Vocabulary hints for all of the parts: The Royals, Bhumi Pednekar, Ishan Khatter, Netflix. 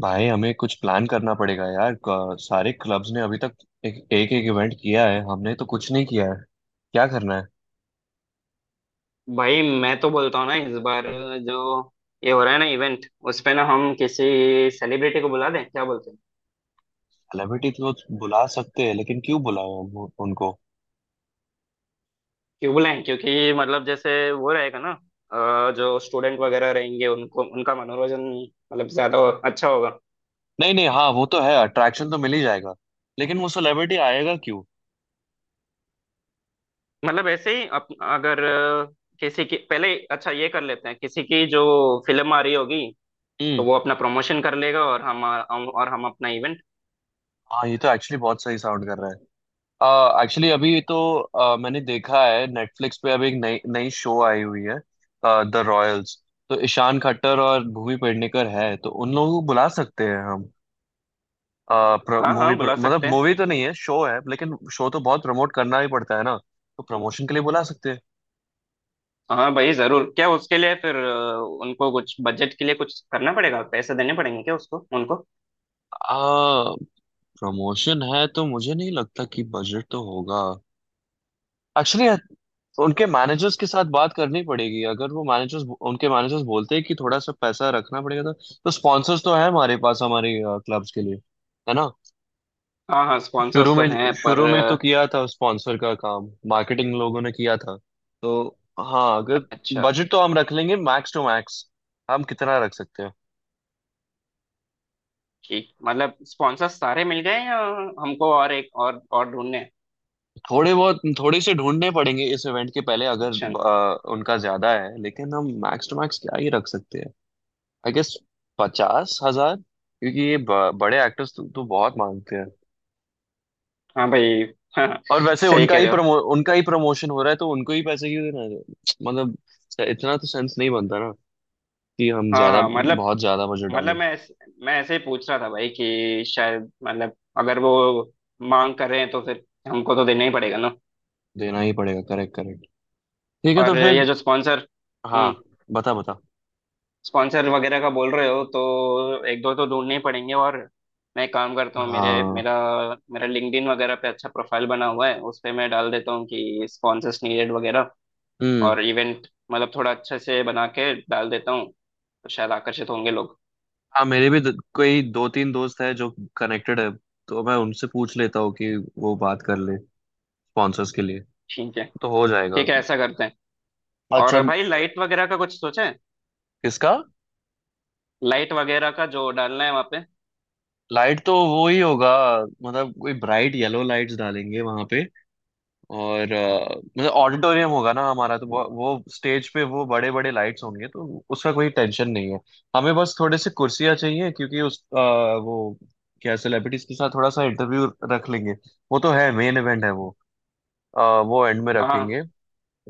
भाई, हमें कुछ प्लान करना पड़ेगा यार। सारे क्लब्स ने अभी तक एक एक, एक इवेंट किया है। हमने तो कुछ नहीं किया है। क्या करना है? भाई मैं तो बोलता हूँ ना, इस बार जो ये हो रहा है ना इवेंट, उस पे ना हम किसी सेलिब्रिटी को बुला दें, क्या बोलते हैं। सेलिब्रिटी तो बुला सकते हैं, लेकिन क्यों बुलाए हम उनको। क्यों बुलाएं? क्योंकि मतलब जैसे वो रहेगा ना, जो स्टूडेंट वगैरह रहेंगे उनको उनका मनोरंजन मतलब ज्यादा अच्छा होगा। नहीं नहीं, हाँ, वो तो है, अट्रैक्शन तो मिल ही जाएगा। लेकिन वो सेलिब्रिटी आएगा क्यों? मतलब ऐसे ही अगर किसी की, पहले अच्छा ये कर लेते हैं, किसी की जो फिल्म आ रही होगी तो हम्म। वो अपना प्रमोशन कर लेगा और हम और हम अपना इवेंट। हाँ, ये तो एक्चुअली बहुत सही साउंड कर रहा है। एक्चुअली अभी तो मैंने देखा है नेटफ्लिक्स पे अभी एक नई नई शो आई हुई है। The Royals. तो ईशान खट्टर और भूमि पेडनेकर है, तो उन लोगों को बुला सकते हैं हम। हाँ मूवी हाँ बुला मतलब सकते हैं। मूवी तो नहीं है, शो है। लेकिन शो तो बहुत प्रमोट करना ही पड़ता है ना। तो प्रमोशन के लिए बुला सकते हैं। हाँ भाई जरूर। क्या उसके लिए फिर उनको कुछ बजट के लिए कुछ करना पड़ेगा, पैसे देने पड़ेंगे क्या उसको, उनको? आ प्रमोशन है तो मुझे नहीं लगता कि बजट तो होगा एक्चुअली। उनके मैनेजर्स के साथ बात करनी पड़ेगी। अगर वो मैनेजर्स उनके मैनेजर्स बोलते हैं कि थोड़ा सा पैसा रखना पड़ेगा, तो स्पॉन्सर्स तो है हमारे पास, हमारे क्लब्स के लिए। है ना? हाँ हाँ शुरू स्पॉन्सर्स तो में, हैं पर शुरू में तो किया था स्पॉन्सर का काम, मार्केटिंग लोगों ने किया था। तो हाँ, अगर अच्छा। बजट तो हम रख लेंगे मैक्स टू मैक्स। हम कितना रख सकते हैं? ठीक, मतलब स्पॉन्सर्स सारे मिल गए या हमको और एक और ढूंढने हैं? थोड़े बहुत, थोड़े से ढूंढने पड़ेंगे इस इवेंट के पहले अगर। अच्छा। उनका ज्यादा है, लेकिन हम मैक्स टू मैक्स क्या ही रख सकते हैं, आई गेस 50,000। क्योंकि ये बड़े एक्टर्स तो बहुत मांगते हैं। हाँ भाई। हाँ। और वैसे सही कह रहे हो। उनका ही प्रमोशन हो रहा है, तो उनको ही पैसे क्यों देना है? मतलब इतना तो सेंस नहीं बनता कि हम हाँ ज्यादा, हाँ मतलब बहुत ज्यादा बजट डालें। मतलब मैं ऐसे ही पूछ रहा था भाई कि शायद मतलब अगर वो मांग कर रहे हैं तो फिर हमको तो देना ही पड़ेगा ना। देना ही पड़ेगा, करेक्ट करेक्ट। ठीक है तो और ये फिर। जो स्पॉन्सर, हाँ, बता बता। स्पॉन्सर वगैरह का बोल रहे हो तो एक दो तो ढूंढने ही पड़ेंगे और मैं एक काम करता हूँ, मेरे हाँ। मेरा मेरा लिंक्डइन वगैरह पे अच्छा प्रोफाइल बना हुआ है, उस पे मैं डाल देता हूँ कि स्पॉन्सर्स नीडेड वगैरह, हम्म। और इवेंट मतलब थोड़ा अच्छे से बना के डाल देता हूँ तो शायद आकर्षित होंगे लोग। हाँ, मेरे भी कोई दो तीन दोस्त है जो कनेक्टेड है। तो मैं उनसे पूछ लेता हूँ कि वो बात कर ले स्पॉन्सर्स के लिए। ठीक है। तो हो जाएगा। ठीक है, ऐसा करते हैं। अच्छा। और भाई लाइट वगैरह का कुछ सोचा है? किसका? लाइट वगैरह का जो डालना है वहाँ पे। लाइट तो वो ही होगा, मतलब कोई ब्राइट येलो लाइट्स डालेंगे वहां पे। और मतलब ऑडिटोरियम होगा ना हमारा, तो वो स्टेज पे वो बड़े बड़े लाइट्स होंगे, तो उसका कोई टेंशन नहीं है। हमें बस थोड़े से कुर्सियाँ चाहिए, क्योंकि उस वो क्या, सेलिब्रिटीज के साथ थोड़ा सा इंटरव्यू रख लेंगे। वो तो है, मेन इवेंट है वो। अ, वो एंड में हाँ हाँ। रखेंगे।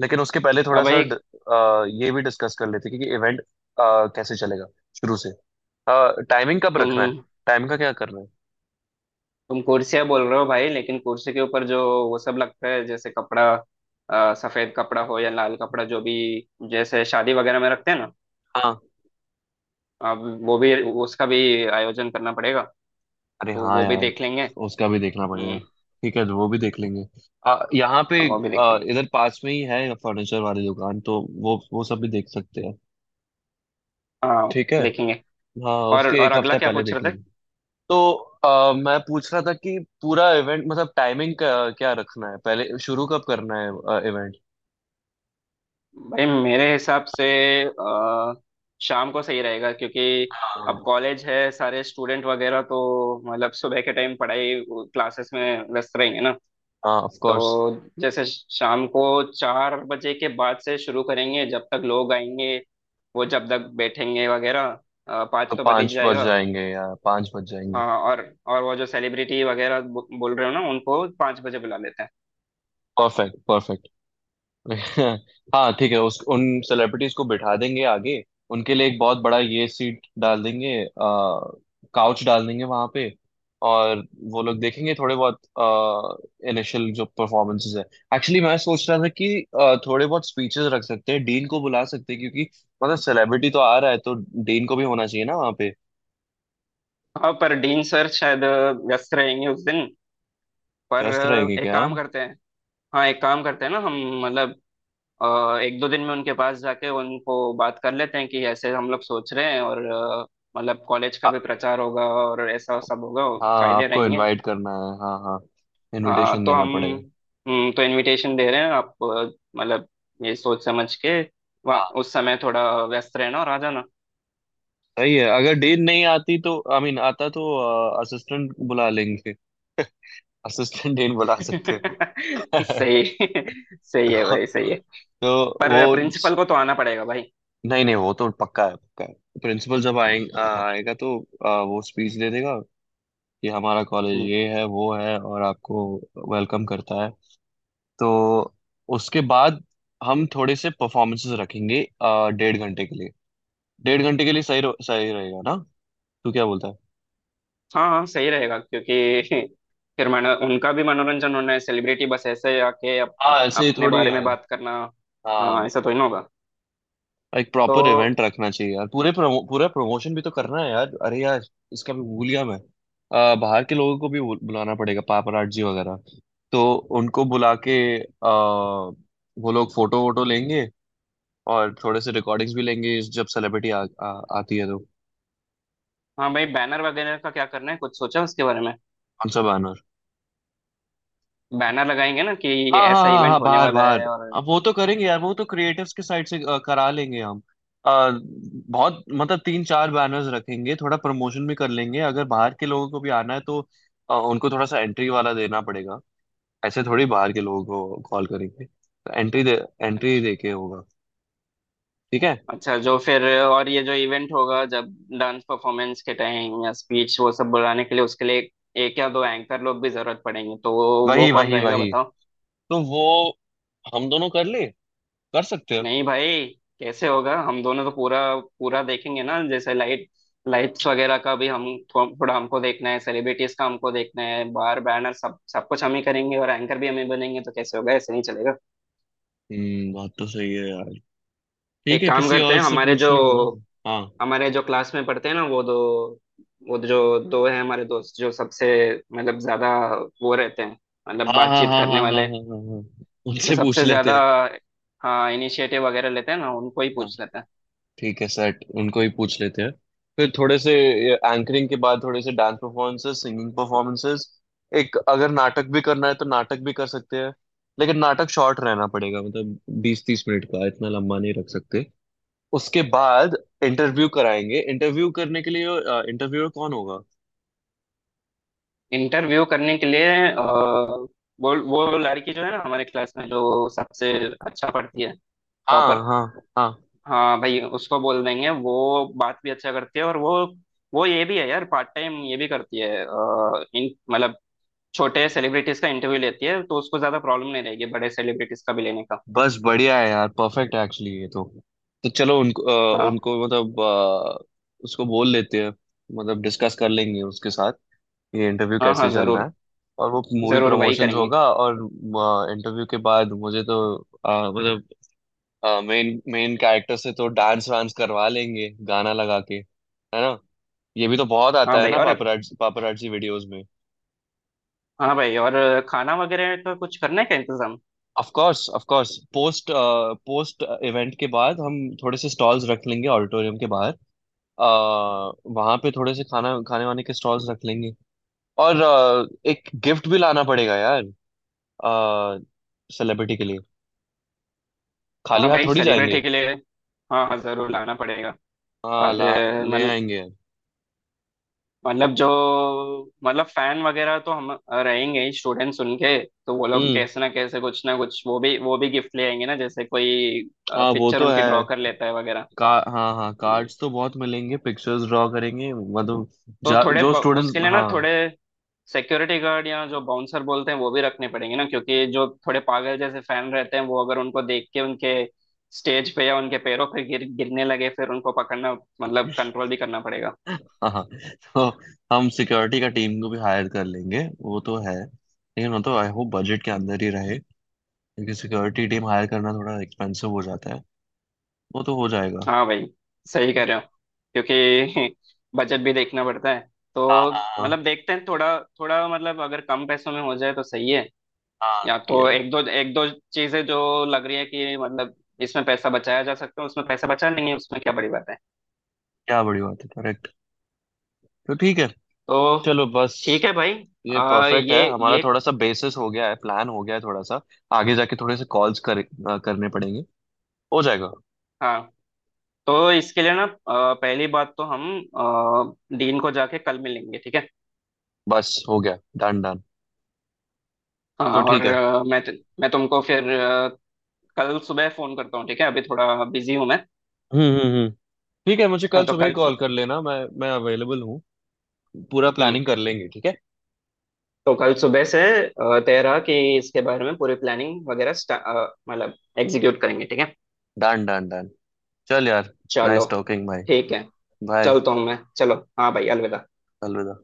लेकिन उसके पहले हाँ थोड़ा सा भाई, ये भी डिस्कस कर लेते हैं कि इवेंट कैसे चलेगा। शुरू से टाइमिंग कब रखना है, तुम टाइम का क्या करना है। तुम कुर्सियां बोल रहे हो भाई लेकिन कुर्सी के ऊपर जो वो सब लगता है जैसे कपड़ा, सफेद कपड़ा हो या लाल कपड़ा, जो भी, जैसे शादी वगैरह में रखते हैं ना, हाँ। अब वो भी, उसका भी आयोजन करना पड़ेगा। अरे तो हाँ वो भी यार। देख लेंगे। उसका भी देखना पड़ेगा। हम्म। ठीक है, तो वो भी देख लेंगे। यहाँ पे। वो भी देख लेंगे। इधर पास में ही है फर्नीचर वाली दुकान, तो वो सब भी देख सकते हैं। हाँ। ठीक है। देखेंगे। हाँ, उसके और एक अगला हफ्ता क्या पहले पूछ देख रहे थे? लेंगे। तो मैं पूछ रहा था कि पूरा इवेंट मतलब टाइमिंग का क्या रखना है, पहले शुरू कब करना है इवेंट। भाई मेरे हिसाब से अ, शाम को सही रहेगा क्योंकि हाँ। अब कॉलेज है, सारे स्टूडेंट वगैरह तो मतलब सुबह के टाइम पढ़ाई, क्लासेस में व्यस्त रहेंगे ना। ऑफ तो कोर्स। जैसे शाम को चार बजे के बाद से शुरू करेंगे, जब तक लोग आएंगे, वो जब तक बैठेंगे वगैरह, पाँच तो तो बज ही 5 बज जाएगा। जाएंगे या 5 बज अ, जाएंगे। और और वो जो सेलिब्रिटी वगैरह बोल रहे हो ना, उनको पाँच बजे बुला लेते हैं। Perfect perfect. हाँ ठीक है, उस उन सेलिब्रिटीज को बिठा देंगे आगे। उनके लिए एक बहुत बड़ा ये सीट डाल देंगे, काउच डाल देंगे वहां पे। और वो लोग देखेंगे थोड़े बहुत इनिशियल जो परफॉर्मेंसेस है। एक्चुअली मैं सोच रहा था कि थोड़े बहुत स्पीचेस रख सकते हैं, डीन को बुला सकते हैं, क्योंकि मतलब सेलिब्रिटी तो आ रहा है, तो डीन को भी होना चाहिए ना वहाँ पे। हाँ पर डीन सर शायद व्यस्त रहेंगे उस दिन। पर व्यस्त रहेंगे एक क्या काम हम? करते हैं। हाँ एक काम करते हैं ना हम, मतलब अ, एक दो दिन में उनके पास जाके उनको बात कर लेते हैं कि ऐसे हम लोग सोच रहे हैं और मतलब कॉलेज का भी आ- प्रचार होगा और ऐसा सब होगा, हाँ, फायदे आपको रहेंगे। इनवाइट करना है, हाँ हाँ। हाँ इनविटेशन तो देना हम, पड़ेगा। तो इनविटेशन दे रहे हैं आप, मतलब ये सोच समझ के वहाँ हाँ। उस समय थोड़ा व्यस्त रहना और आ जाना। सही है, अगर डेन नहीं आती तो आई मीन आता, तो असिस्टेंट बुला लेंगे। असिस्टेंट डेन बुला सकते हैं। सही। सही है तो, भाई, सही है। तो वो। पर प्रिंसिपल को तो आना पड़ेगा भाई। नहीं नहीं, वो तो पक्का है, पक्का है। प्रिंसिपल जब आएगा तो वो स्पीच दे देगा कि हमारा कॉलेज हम्म। ये है, वो है, और आपको वेलकम करता है। तो उसके बाद हम थोड़े से परफॉर्मेंसेस रखेंगे डेढ़ घंटे के लिए। डेढ़ घंटे के लिए सही रहेगा ना? तू क्या बोलता है? हाँ हाँ सही रहेगा क्योंकि फिर मनो उनका भी मनोरंजन होना है, सेलिब्रिटी बस ऐसे आके अप, हाँ, अप, ऐसे ही अपने थोड़ी बारे में है। बात करना। हाँ। हाँ, ऐसा तो ही ना होगा। एक तो प्रॉपर इवेंट रखना चाहिए यार। पूरा प्रमोशन भी तो करना है यार। अरे यार। इसका भी भूल गया मैं। बाहर के लोगों को भी बुलाना पड़ेगा, पापराजी वगैरह। तो उनको बुला के वो लोग फोटो वोटो लेंगे, और थोड़े से रिकॉर्डिंग्स भी लेंगे जब सेलिब्रिटी आ, आ, आती है तो। हाँ भाई, बैनर वगैरह का क्या करना है, कुछ सोचा उसके बारे में? हम सब आना। बैनर लगाएंगे ना कि हाँ हाँ ऐसा हाँ इवेंट हाँ, होने बाहर वाला बाहर। है, और अब वो तो करेंगे यार, वो तो क्रिएटिव्स के साइड से करा लेंगे हम। अ, बहुत मतलब तीन चार बैनर्स रखेंगे, थोड़ा प्रमोशन भी कर लेंगे। अगर बाहर के लोगों को भी आना है तो उनको थोड़ा सा एंट्री वाला देना पड़ेगा। ऐसे थोड़ी बाहर के लोगों को कॉल करेंगे, तो एंट्री अच्छा। दे के होगा। ठीक है। अच्छा, जो फिर और ये जो इवेंट होगा जब डांस परफॉर्मेंस के टाइम या स्पीच वो सब बुलाने के लिए, उसके लिए एक या दो एंकर लोग भी जरूरत पड़ेंगे तो वो वही कौन वही रहेगा वही। बताओ। तो वो हम दोनों कर ले, कर सकते हैं। नहीं भाई, कैसे होगा? हम दोनों तो पूरा पूरा देखेंगे ना, जैसे लाइट्स वगैरह का भी हम थोड़ा हमको देखना है, सेलिब्रिटीज का हमको देखना है, बार बैनर, सब सब कुछ हम ही करेंगे और एंकर भी हम ही बनेंगे तो कैसे होगा? ऐसे नहीं चलेगा। हम्म, बात तो सही है यार। ठीक एक है, काम किसी करते और हैं, से पूछ लेंगे ना। हाँ हमारे जो क्लास में पढ़ते हैं ना वो दो, वो जो दो हैं हमारे दोस्त जो सबसे मतलब ज्यादा वो रहते हैं, मतलब हाँ हाँ बातचीत हाँ करने हाँ हाँ वाले, हाँ हाँ हाँ। हाँ। जो उनसे पूछ सबसे लेते ज्यादा हैं। हाँ इनिशिएटिव वगैरह लेते हैं ना, उनको ही हाँ पूछ लेते हैं। ठीक है, सेट उनको ही पूछ लेते हैं। फिर थोड़े से एंकरिंग के बाद थोड़े से डांस परफॉर्मेंसेस, सिंगिंग परफॉर्मेंसेस। एक अगर नाटक भी करना है तो नाटक भी कर सकते हैं। लेकिन नाटक शॉर्ट रहना पड़ेगा, मतलब 20-30 मिनट का, इतना लंबा नहीं रख सकते। उसके बाद इंटरव्यू कराएंगे। इंटरव्यू करने के लिए इंटरव्यूअर कौन होगा? इंटरव्यू करने के लिए वो लड़की जो है ना हमारे क्लास में जो सबसे अच्छा पढ़ती है, टॉपर। हाँ हाँ हाँ। हाँ भाई उसको बोल देंगे, वो बात भी अच्छा करती है और वो ये भी है यार, पार्ट टाइम ये भी करती है, अ, इन मतलब छोटे सेलिब्रिटीज का इंटरव्यू लेती है, तो उसको ज्यादा प्रॉब्लम नहीं रहेगी बड़े सेलिब्रिटीज का भी लेने का। बस बढ़िया है यार, परफेक्ट है एक्चुअली ये तो। तो चलो उनको हाँ उनको मतलब उसको बोल लेते हैं। मतलब डिस्कस कर लेंगे उसके साथ ये इंटरव्यू हाँ हाँ कैसे चल रहा है। जरूर, और वो मूवी जरूर वही प्रमोशंस करेंगे। होगा, और इंटरव्यू के बाद मुझे तो मतलब मेन मेन कैरेक्टर से तो डांस वांस करवा लेंगे गाना लगा के, है ना? ये भी तो बहुत हाँ आता है भाई ना और, पापराजी वीडियोस में। हाँ भाई और खाना वगैरह का कुछ करना है क्या इंतजाम? Of course of course, post post event के बाद हम थोड़े से स्टॉल्स रख लेंगे ऑडिटोरियम के बाहर। आ, वहां पे थोड़े से खाना खाने वाने के स्टॉल्स रख लेंगे। और एक गिफ्ट भी लाना पड़ेगा यार, सेलिब्रिटी के लिए। खाली हाँ हाथ भाई थोड़ी जाएंगे। सेलिब्रिटी के लिए हाँ हाँ जरूर लाना पड़ेगा। हाँ और ला, ले आएंगे। मतलब जो, मतलब फैन वगैरह तो हम रहेंगे ही, स्टूडेंट सुन के तो वो लोग हम्म। कैसे ना कैसे कुछ ना कुछ वो भी, वो भी गिफ्ट ले आएंगे ना, जैसे कोई हाँ, वो पिक्चर तो उनकी है। ड्रॉ कर लेता है वगैरह। का हाँ हाँ, कार्ड्स तो बहुत मिलेंगे, पिक्चर्स ड्रॉ करेंगे मतलब। तो जो स्टूडेंट्स। उसके लिए ना हाँ। थोड़े सिक्योरिटी गार्ड या जो बाउंसर बोलते हैं वो भी रखने पड़ेंगे ना, क्योंकि जो थोड़े पागल जैसे फैन रहते हैं वो अगर उनको देख के उनके स्टेज पे या उनके पैरों पे गिर गिरने लगे फिर उनको पकड़ना, मतलब कंट्रोल भी करना पड़ेगा। हाँ हाँ। तो हम सिक्योरिटी का टीम को भी हायर कर लेंगे, वो तो है। लेकिन वो तो आई होप बजट के अंदर ही रहे। क्योंकि सिक्योरिटी टीम हायर करना थोड़ा एक्सपेंसिव हो जाता है। वो तो हो जाएगा। हाँ भाई, सही कह रहे हो क्योंकि बजट भी देखना पड़ता है। हाँ तो हाँ हाँ। मतलब देखते हैं थोड़ा थोड़ा, मतलब अगर कम पैसों में हो जाए तो सही है। हाँ, या तो एक दो, एक दो चीजें जो लग रही है कि मतलब इसमें पैसा बचाया जा सकता है उसमें पैसा बचा लेंगे, उसमें क्या बड़ी बात है। क्या बड़ी बात है, करेक्ट। तो ठीक है, तो चलो बस। ठीक है भाई। ये आ, परफेक्ट है, हमारा ये थोड़ा सा बेसिस हो गया है, प्लान हो गया है थोड़ा सा। आगे जाके थोड़े से कॉल्स करने पड़ेंगे। हो जाएगा। हाँ तो इसके लिए ना पहली बात तो हम डीन को जाके कल मिलेंगे, ठीक है। बस हो गया, डन डन। तो हाँ और ठीक है। मैं तुमको फिर कल सुबह फोन करता हूँ, ठीक है, अभी थोड़ा बिजी हूँ मैं। हम्म। ठीक है, मुझे हाँ, कल तो सुबह ही कल कॉल सुबह। कर लेना। मैं अवेलेबल हूँ। पूरा हम्म, प्लानिंग कर लेंगे, ठीक है। तो कल सुबह से आ, तेरा कि इसके बारे में पूरी प्लानिंग वगैरह मतलब एग्जीक्यूट करेंगे, ठीक है। Done done done. चल यार। चलो। नाइस टॉकिंग भाई। ठीक है, बाय। चलता हूँ मैं। चलो हाँ भाई, अलविदा। अलविदा।